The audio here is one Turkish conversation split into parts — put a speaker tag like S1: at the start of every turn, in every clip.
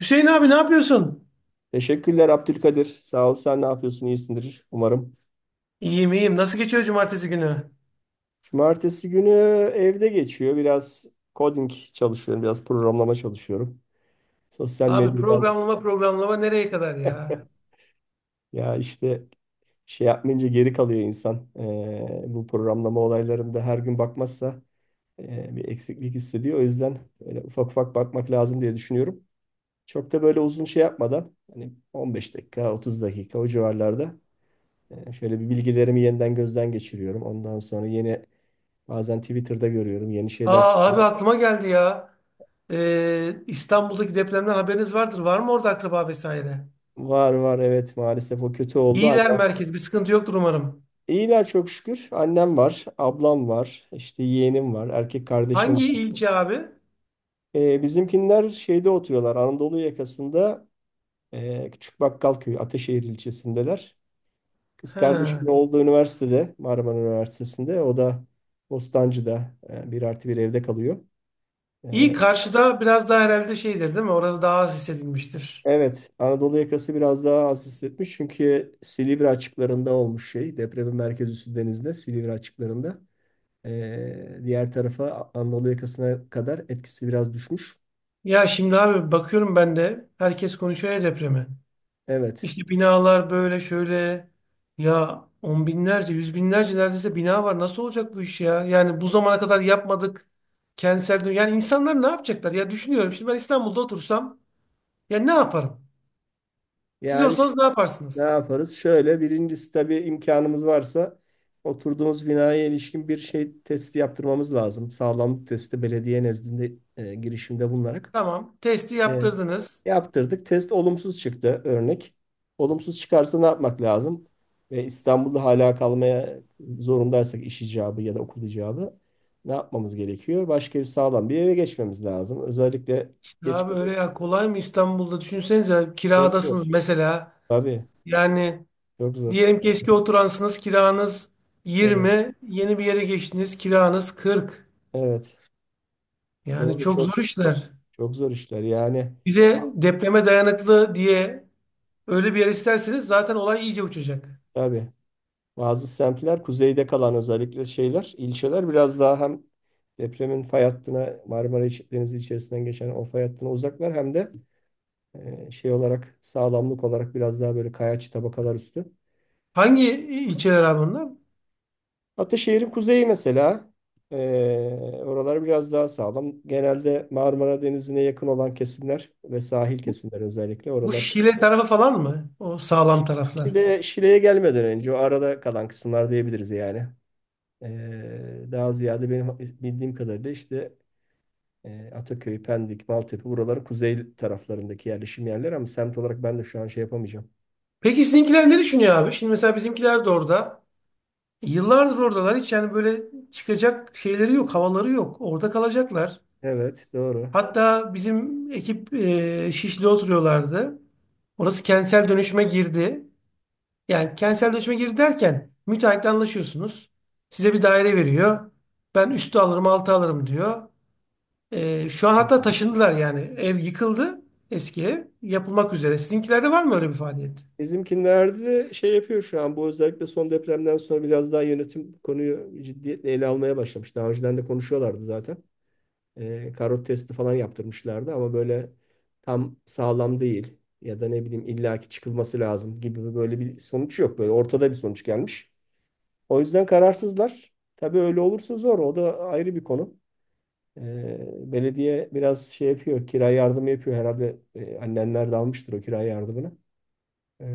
S1: Hüseyin abi, ne yapıyorsun?
S2: Teşekkürler Abdülkadir. Sağ ol. Sen ne yapıyorsun? İyisindir umarım.
S1: İyiyim, iyiyim. Nasıl geçiyor cumartesi günü?
S2: Cumartesi günü evde geçiyor. Biraz coding çalışıyorum. Biraz programlama çalışıyorum. Sosyal
S1: Abi,
S2: medyadan
S1: programlama programlama nereye kadar ya?
S2: ya işte şey yapmayınca geri kalıyor insan. Bu programlama olaylarında her gün bakmazsa bir eksiklik hissediyor. O yüzden böyle ufak ufak bakmak lazım diye düşünüyorum. Çok da böyle uzun şey yapmadan hani 15 dakika, 30 dakika o civarlarda şöyle bir bilgilerimi yeniden gözden geçiriyorum. Ondan sonra yeni, bazen Twitter'da görüyorum yeni şeyler
S1: Aa
S2: çıkıyor.
S1: abi, aklıma geldi ya. İstanbul'daki depremden haberiniz vardır. Var mı orada akraba vesaire?
S2: Var var, evet, maalesef o kötü oldu.
S1: İyiler
S2: Annem.
S1: merkez. Bir sıkıntı yoktur umarım.
S2: İyiler çok şükür. Annem var, ablam var, işte yeğenim var, erkek kardeşim
S1: Hangi
S2: var.
S1: ilçe abi?
S2: Bizimkinler şeyde oturuyorlar, Anadolu yakasında, Küçük Bakkalköy, Ateşehir ilçesindeler. Kız
S1: He.
S2: kardeşimin olduğu üniversitede, Marmara Üniversitesi'nde. O da Bostancı'da bir artı bir evde kalıyor.
S1: İyi,
S2: E,
S1: karşıda biraz daha herhalde şeydir değil mi? Orası daha az hissedilmiştir.
S2: Evet, Anadolu yakası biraz daha az hissetmiş çünkü Silivri açıklarında olmuş şey. Depremin merkez üssü denizde, Silivri açıklarında. Diğer tarafa, Anadolu yakasına kadar etkisi biraz düşmüş.
S1: Ya şimdi abi, bakıyorum ben de herkes konuşuyor ya depremi.
S2: Evet.
S1: İşte binalar böyle şöyle ya, on binlerce, yüz binlerce neredeyse bina var. Nasıl olacak bu iş ya? Yani bu zamana kadar yapmadık. Kentsel dönüşüm. Yani insanlar ne yapacaklar? Ya düşünüyorum, şimdi ben İstanbul'da otursam ya ne yaparım? Siz
S2: Yani
S1: olsanız ne
S2: ne
S1: yaparsınız?
S2: yaparız? Şöyle, birincisi tabii imkanımız varsa oturduğumuz binaya ilişkin bir şey testi yaptırmamız lazım. Sağlamlık testi, belediye nezdinde girişimde bulunarak.
S1: Tamam, testi
S2: E,
S1: yaptırdınız.
S2: yaptırdık. Test olumsuz çıktı örnek. Olumsuz çıkarsa ne yapmak lazım? Ve İstanbul'da hala kalmaya zorundaysak, iş icabı ya da okul icabı, ne yapmamız gerekiyor? Başka bir sağlam bir eve geçmemiz lazım. Özellikle
S1: Ya böyle
S2: geçmeden
S1: ya, kolay mı İstanbul'da? Düşünsenize,
S2: çok zor.
S1: kiradasınız mesela.
S2: Tabii
S1: Yani
S2: çok zor.
S1: diyelim ki eski oturansınız, kiranız
S2: Evet.
S1: 20, yeni bir yere geçtiniz, kiranız 40.
S2: Evet.
S1: Yani
S2: Doğru,
S1: çok zor
S2: çok
S1: işler.
S2: çok zor işler. Yani
S1: Bir de depreme dayanıklı diye öyle bir yer isterseniz zaten olay iyice uçacak.
S2: tabii, bazı semtler, kuzeyde kalan özellikle şeyler, ilçeler biraz daha hem depremin fay hattına, Marmara İç- Denizi içerisinden geçen o fay hattına uzaklar hem de şey olarak, sağlamlık olarak biraz daha böyle kayaç tabakalar üstü.
S1: Hangi ilçeler abi bunlar?
S2: Ataşehir'in kuzeyi mesela, e, oralar biraz daha sağlam. Genelde Marmara Denizi'ne yakın olan kesimler ve sahil kesimler, özellikle
S1: Bu
S2: oralar.
S1: Şile tarafı falan mı? O sağlam taraflar.
S2: Şile, Şile'ye gelmeden önce o arada kalan kısımlar diyebiliriz yani. Daha ziyade benim bildiğim kadarıyla işte, Ataköy, Pendik, Maltepe, buraları kuzey taraflarındaki yerleşim yerleri ama semt olarak ben de şu an şey yapamayacağım.
S1: Peki sizinkiler ne düşünüyor abi? Şimdi mesela bizimkiler de orada. Yıllardır oradalar. Hiç yani böyle çıkacak şeyleri yok, havaları yok. Orada kalacaklar.
S2: Evet, doğru.
S1: Hatta bizim ekip Şişli oturuyorlardı. Orası kentsel dönüşüme girdi. Yani kentselleşme girdi derken müteahhitle anlaşıyorsunuz. Size bir daire veriyor. Ben üstü alırım, altı alırım diyor. Şu an
S2: Hı
S1: hatta
S2: hı.
S1: taşındılar yani. Ev yıkıldı, eski ev. Yapılmak üzere. Sizinkilerde var mı öyle bir faaliyet?
S2: Bizimkilerde şey yapıyor şu an, bu özellikle son depremden sonra biraz daha yönetim bu konuyu ciddiyetle ele almaya başlamış. Daha önceden de konuşuyorlardı zaten. Karot testi falan yaptırmışlardı ama böyle tam sağlam değil ya da ne bileyim illaki çıkılması lazım gibi böyle bir sonuç yok. Böyle ortada bir sonuç gelmiş. O yüzden kararsızlar. Tabii öyle olursa zor. O da ayrı bir konu. Belediye biraz şey yapıyor, kira yardımı yapıyor herhalde. Annenler de almıştır o kira yardımını. E,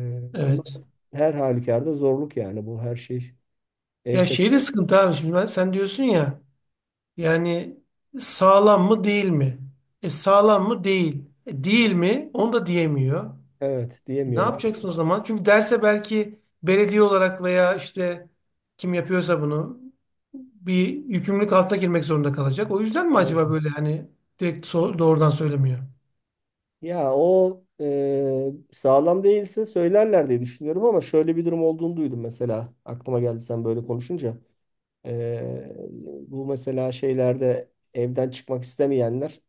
S2: ama
S1: Evet.
S2: her halükarda zorluk yani bu her şey. Ev
S1: Ya
S2: taşı.
S1: şey de sıkıntı abi. Şimdi ben, sen diyorsun ya, yani sağlam mı değil mi? E, sağlam mı değil. E, değil mi? Onu da diyemiyor.
S2: Evet,
S1: Ne
S2: diyemiyorum
S1: yapacaksın o
S2: artık.
S1: zaman? Çünkü derse belki belediye olarak veya işte kim yapıyorsa bunu bir yükümlülük altına girmek zorunda kalacak. O yüzden mi
S2: Evet.
S1: acaba, böyle hani direkt doğrudan söylemiyor?
S2: Ya o sağlam değilse söylerler diye düşünüyorum ama şöyle bir durum olduğunu duydum mesela. Aklıma geldi sen böyle konuşunca. E, bu mesela şeylerde, evden çıkmak istemeyenler,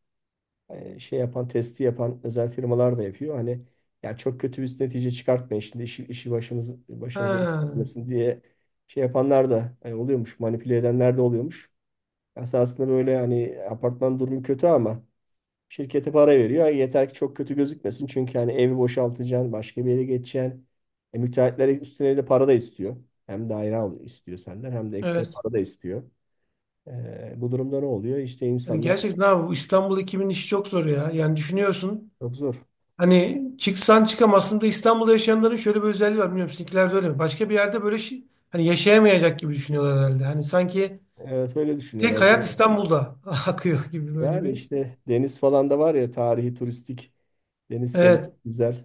S2: şey yapan, testi yapan özel firmalar da yapıyor. Hani ya çok kötü bir netice çıkartmayın şimdi, işi başımıza iş
S1: Ha,
S2: gelmesin diye şey yapanlar da hani oluyormuş, manipüle edenler de oluyormuş. Esasında böyle hani apartman durumu kötü ama şirkete para veriyor. Yeter ki çok kötü gözükmesin. Çünkü hani evi boşaltacaksın, başka bir yere geçeceksin. Müteahhitler üstüne de para da istiyor. Hem daire al istiyor senden hem de ekstra
S1: evet.
S2: para da istiyor. Bu durumda ne oluyor? İşte
S1: Yani
S2: insanlar
S1: gerçekten abi, bu İstanbul ekibinin işi çok zor ya. Yani düşünüyorsun,
S2: çok zor.
S1: hani çıksan çıkamazsın da, İstanbul'da yaşayanların şöyle bir özelliği var. Bilmiyorum, sizinkiler de öyle mi? Başka bir yerde böyle şey, hani yaşayamayacak gibi düşünüyorlar herhalde. Hani sanki
S2: Evet, öyle
S1: tek
S2: düşünüyorlar.
S1: hayat İstanbul'da akıyor gibi böyle
S2: Yani
S1: bir.
S2: işte deniz falan da var ya, tarihi, turistik, deniz kenarı
S1: Evet.
S2: güzel.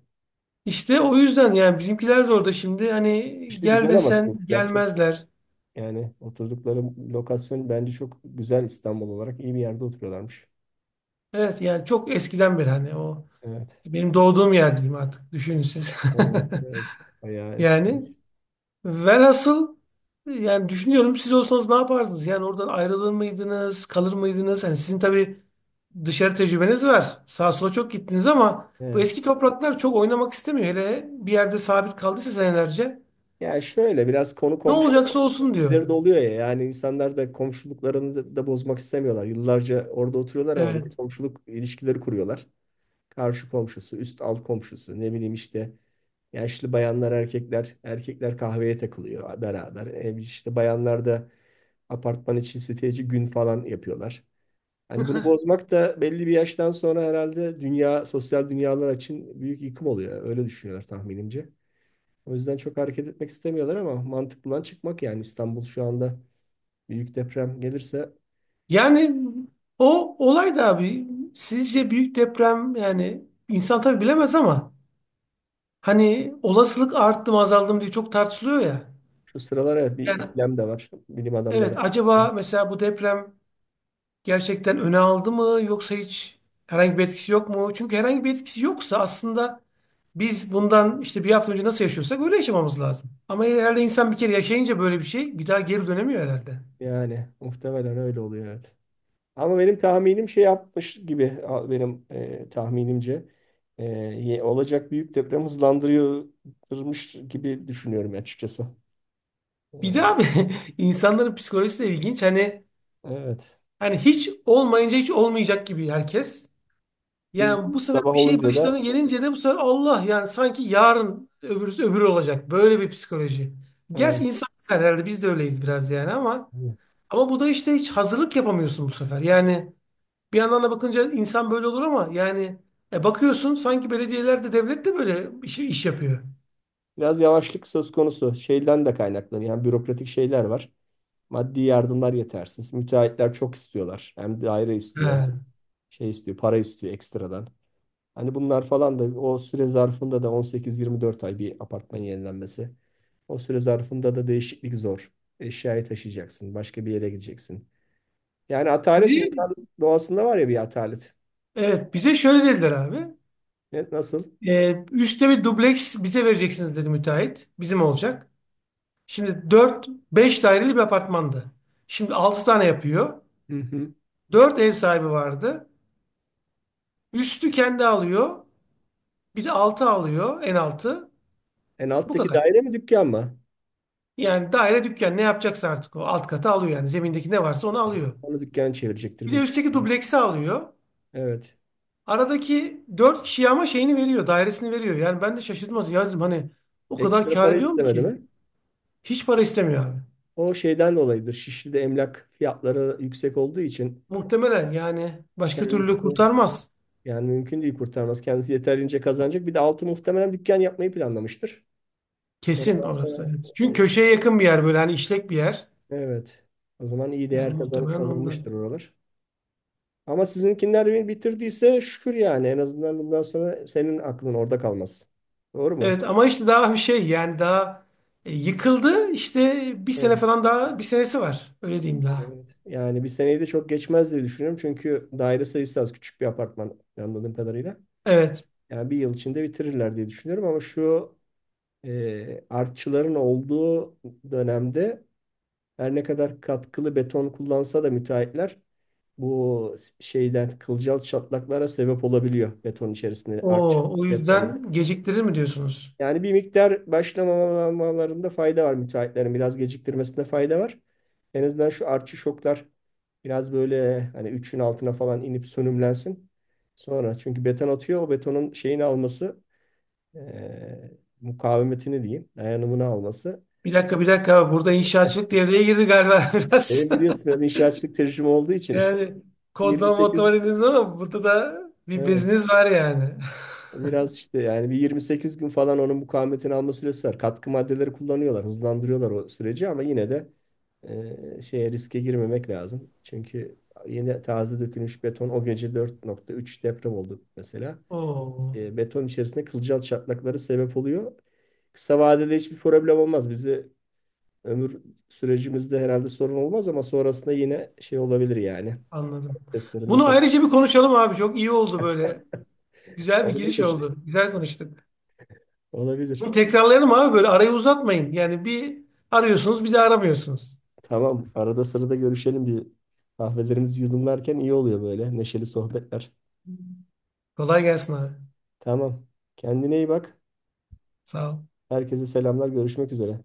S1: İşte o yüzden yani bizimkiler de orada şimdi, hani
S2: İşte
S1: gel
S2: güzel ama
S1: desen
S2: sizinkiler çok,
S1: gelmezler.
S2: yani oturdukları lokasyon bence çok güzel, İstanbul olarak iyi bir yerde oturuyorlarmış.
S1: Evet, yani çok eskiden beri, hani o
S2: Evet.
S1: benim doğduğum yer diyeyim artık, düşünün siz.
S2: Evet. Evet. Bayağı eski.
S1: Yani velhasıl, yani düşünüyorum, siz olsanız ne yapardınız? Yani oradan ayrılır mıydınız, kalır mıydınız? Hani sizin tabii dışarı tecrübeniz var. Sağa sola çok gittiniz ama bu
S2: Evet.
S1: eski topraklar çok oynamak istemiyor. Hele bir yerde sabit kaldıysa senelerce,
S2: Ya şöyle, biraz konu
S1: ne
S2: komşu
S1: olacaksa olsun diyor.
S2: ilişkileri de oluyor ya, yani insanlar da komşuluklarını da bozmak istemiyorlar. Yıllarca orada oturuyorlar ama bir de
S1: Evet.
S2: komşuluk ilişkileri kuruyorlar. Karşı komşusu, üst alt komşusu, ne bileyim işte yaşlı bayanlar, erkekler, erkekler kahveye takılıyor beraber. İşte bayanlar da apartman içi siteci gün falan yapıyorlar. Hani bunu bozmak da belli bir yaştan sonra herhalde dünya, sosyal dünyalar için büyük yıkım oluyor. Öyle düşünüyorlar tahminimce. O yüzden çok hareket etmek istemiyorlar ama mantıklıdan çıkmak, yani İstanbul şu anda büyük deprem gelirse,
S1: Yani o olay da abi, sizce büyük deprem, yani insan tabii bilemez ama hani olasılık arttı mı azaldı mı diye çok tartışılıyor ya.
S2: şu sıralar evet bir
S1: Yani
S2: ikilem de var bilim adamları
S1: evet,
S2: arasında.
S1: acaba mesela bu deprem gerçekten öne aldı mı, yoksa hiç herhangi bir etkisi yok mu? Çünkü herhangi bir etkisi yoksa aslında biz bundan işte bir hafta önce nasıl yaşıyorsak öyle yaşamamız lazım. Ama herhalde insan bir kere yaşayınca böyle bir şey, bir daha geri dönemiyor herhalde.
S2: Yani muhtemelen öyle oluyor, evet. Ama benim tahminim şey yapmış gibi benim tahminimce olacak büyük deprem hızlandırıyormuş gibi düşünüyorum açıkçası.
S1: Bir de
S2: E,
S1: abi, insanların psikolojisi de ilginç. Hani
S2: evet.
S1: Hani hiç olmayınca hiç olmayacak gibi herkes.
S2: Bir
S1: Yani bu sefer
S2: sabah
S1: bir şey
S2: olunca da
S1: başlarına gelince de bu sefer Allah, yani sanki yarın öbürü öbürü olacak. Böyle bir psikoloji.
S2: e,
S1: Gerçi insan, yani herhalde biz de öyleyiz biraz yani, ama bu da işte hiç hazırlık yapamıyorsun bu sefer. Yani bir yandan da bakınca insan böyle olur ama yani, bakıyorsun sanki belediyeler de devlet de böyle iş yapıyor.
S2: biraz yavaşlık söz konusu. Şeyden de kaynaklanıyor. Yani bürokratik şeyler var. Maddi yardımlar yetersiz. Müteahhitler çok istiyorlar. Hem daire
S1: He.
S2: istiyor, hem şey istiyor, para istiyor ekstradan. Hani bunlar falan da o süre zarfında da 18-24 ay bir apartman yenilenmesi. O süre zarfında da değişiklik zor. Eşyayı taşıyacaksın, başka bir yere gideceksin. Yani atalet
S1: Bir de-
S2: insan doğasında var ya, bir atalet.
S1: Evet, bize şöyle dediler abi.
S2: Evet, nasıl?
S1: Üstte bir dubleks bize vereceksiniz, dedi müteahhit. Bizim olacak. Şimdi 4 5 daireli bir apartmandı. Şimdi 6 tane yapıyor.
S2: Hı hı.
S1: 4 ev sahibi vardı. Üstü kendi alıyor. Bir de altı alıyor. En altı.
S2: En
S1: Bu
S2: alttaki
S1: kadar.
S2: daire mi dükkan mı?
S1: Yani daire, dükkan, ne yapacaksa artık o alt katı alıyor yani. Zemindeki ne varsa onu
S2: Evet.
S1: alıyor.
S2: Onu dükkan çevirecektir
S1: Bir de
S2: büyük
S1: üstteki
S2: ihtimalle.
S1: dubleksi alıyor.
S2: Evet.
S1: Aradaki 4 kişiye ama şeyini veriyor. Dairesini veriyor. Yani ben de şaşırdım aslında. Ya dedim hani, o kadar
S2: Ekstra
S1: kâr
S2: para
S1: ediyor mu
S2: istemedi
S1: ki?
S2: mi?
S1: Hiç para istemiyor abi.
S2: O şeyden dolayıdır. Şişli'de emlak fiyatları yüksek olduğu için
S1: Muhtemelen, yani başka türlü
S2: kendisi,
S1: kurtarmaz.
S2: yani mümkün değil kurtarması. Kendisi yeterince kazanacak. Bir de altı muhtemelen dükkan yapmayı planlamıştır.
S1: Kesin orası.
S2: Oralarda
S1: Evet. Çünkü
S2: e,
S1: köşeye yakın bir yer, böyle hani işlek bir yer.
S2: evet. O zaman iyi
S1: Yani
S2: değer kazan,
S1: muhtemelen
S2: kazanmıştır
S1: ondan.
S2: oralar. Ama sizinkiler bitirdiyse şükür yani. En azından bundan sonra senin aklın orada kalmaz. Doğru mu?
S1: Evet, ama işte daha bir şey, yani daha yıkıldı işte, bir
S2: Evet.
S1: sene falan daha, bir senesi var. Öyle diyeyim daha.
S2: Evet. Yani bir seneyi de çok geçmez diye düşünüyorum. Çünkü daire sayısı az. Küçük bir apartman anladığım kadarıyla.
S1: Evet.
S2: Yani bir yıl içinde bitirirler diye düşünüyorum. Ama şu artçıların olduğu dönemde, her ne kadar katkılı beton kullansa da müteahhitler, bu şeyden kılcal çatlaklara sebep olabiliyor beton içerisinde arç
S1: O o
S2: depremde.
S1: yüzden geciktirir mi diyorsunuz?
S2: Yani bir miktar başlamamalarında fayda var, müteahhitlerin biraz geciktirmesinde fayda var. En azından şu artçı şoklar biraz böyle hani 3'ün altına falan inip sönümlensin. Sonra çünkü beton atıyor, o betonun şeyini alması, mukavemetini diyeyim, dayanımını alması.
S1: Bir dakika, bir dakika, burada inşaatçılık devreye girdi galiba biraz.
S2: Benim biliyorsun biraz inşaatçılık tecrübem olduğu için
S1: Yani kodlama modlama
S2: 28,
S1: dediniz ama burada da bir
S2: evet.
S1: beziniz var yani.
S2: Biraz işte yani bir 28 gün falan onun mukavemetini alma süresi var. Katkı maddeleri kullanıyorlar, hızlandırıyorlar o süreci ama yine de şeye, riske girmemek lazım. Çünkü yeni taze dökülmüş beton, o gece 4.3 deprem oldu mesela.
S1: Oo,
S2: Beton içerisinde kılcal çatlakları sebep oluyor. Kısa vadede hiçbir problem olmaz. Bizi ömür sürecimizde herhalde sorun olmaz ama sonrasında yine şey olabilir yani.
S1: anladım.
S2: Testlerinde
S1: Bunu
S2: sorun
S1: ayrıca bir konuşalım abi, çok iyi oldu böyle. Güzel bir giriş
S2: olabilir.
S1: oldu. Güzel konuştuk.
S2: Olabilir.
S1: Bunu tekrarlayalım abi, böyle arayı uzatmayın. Yani bir arıyorsunuz, bir de aramıyorsunuz.
S2: Tamam. Arada sırada görüşelim, bir kahvelerimizi yudumlarken iyi oluyor böyle. Neşeli sohbetler.
S1: Kolay gelsin abi.
S2: Tamam. Kendine iyi bak.
S1: Sağ ol.
S2: Herkese selamlar. Görüşmek üzere.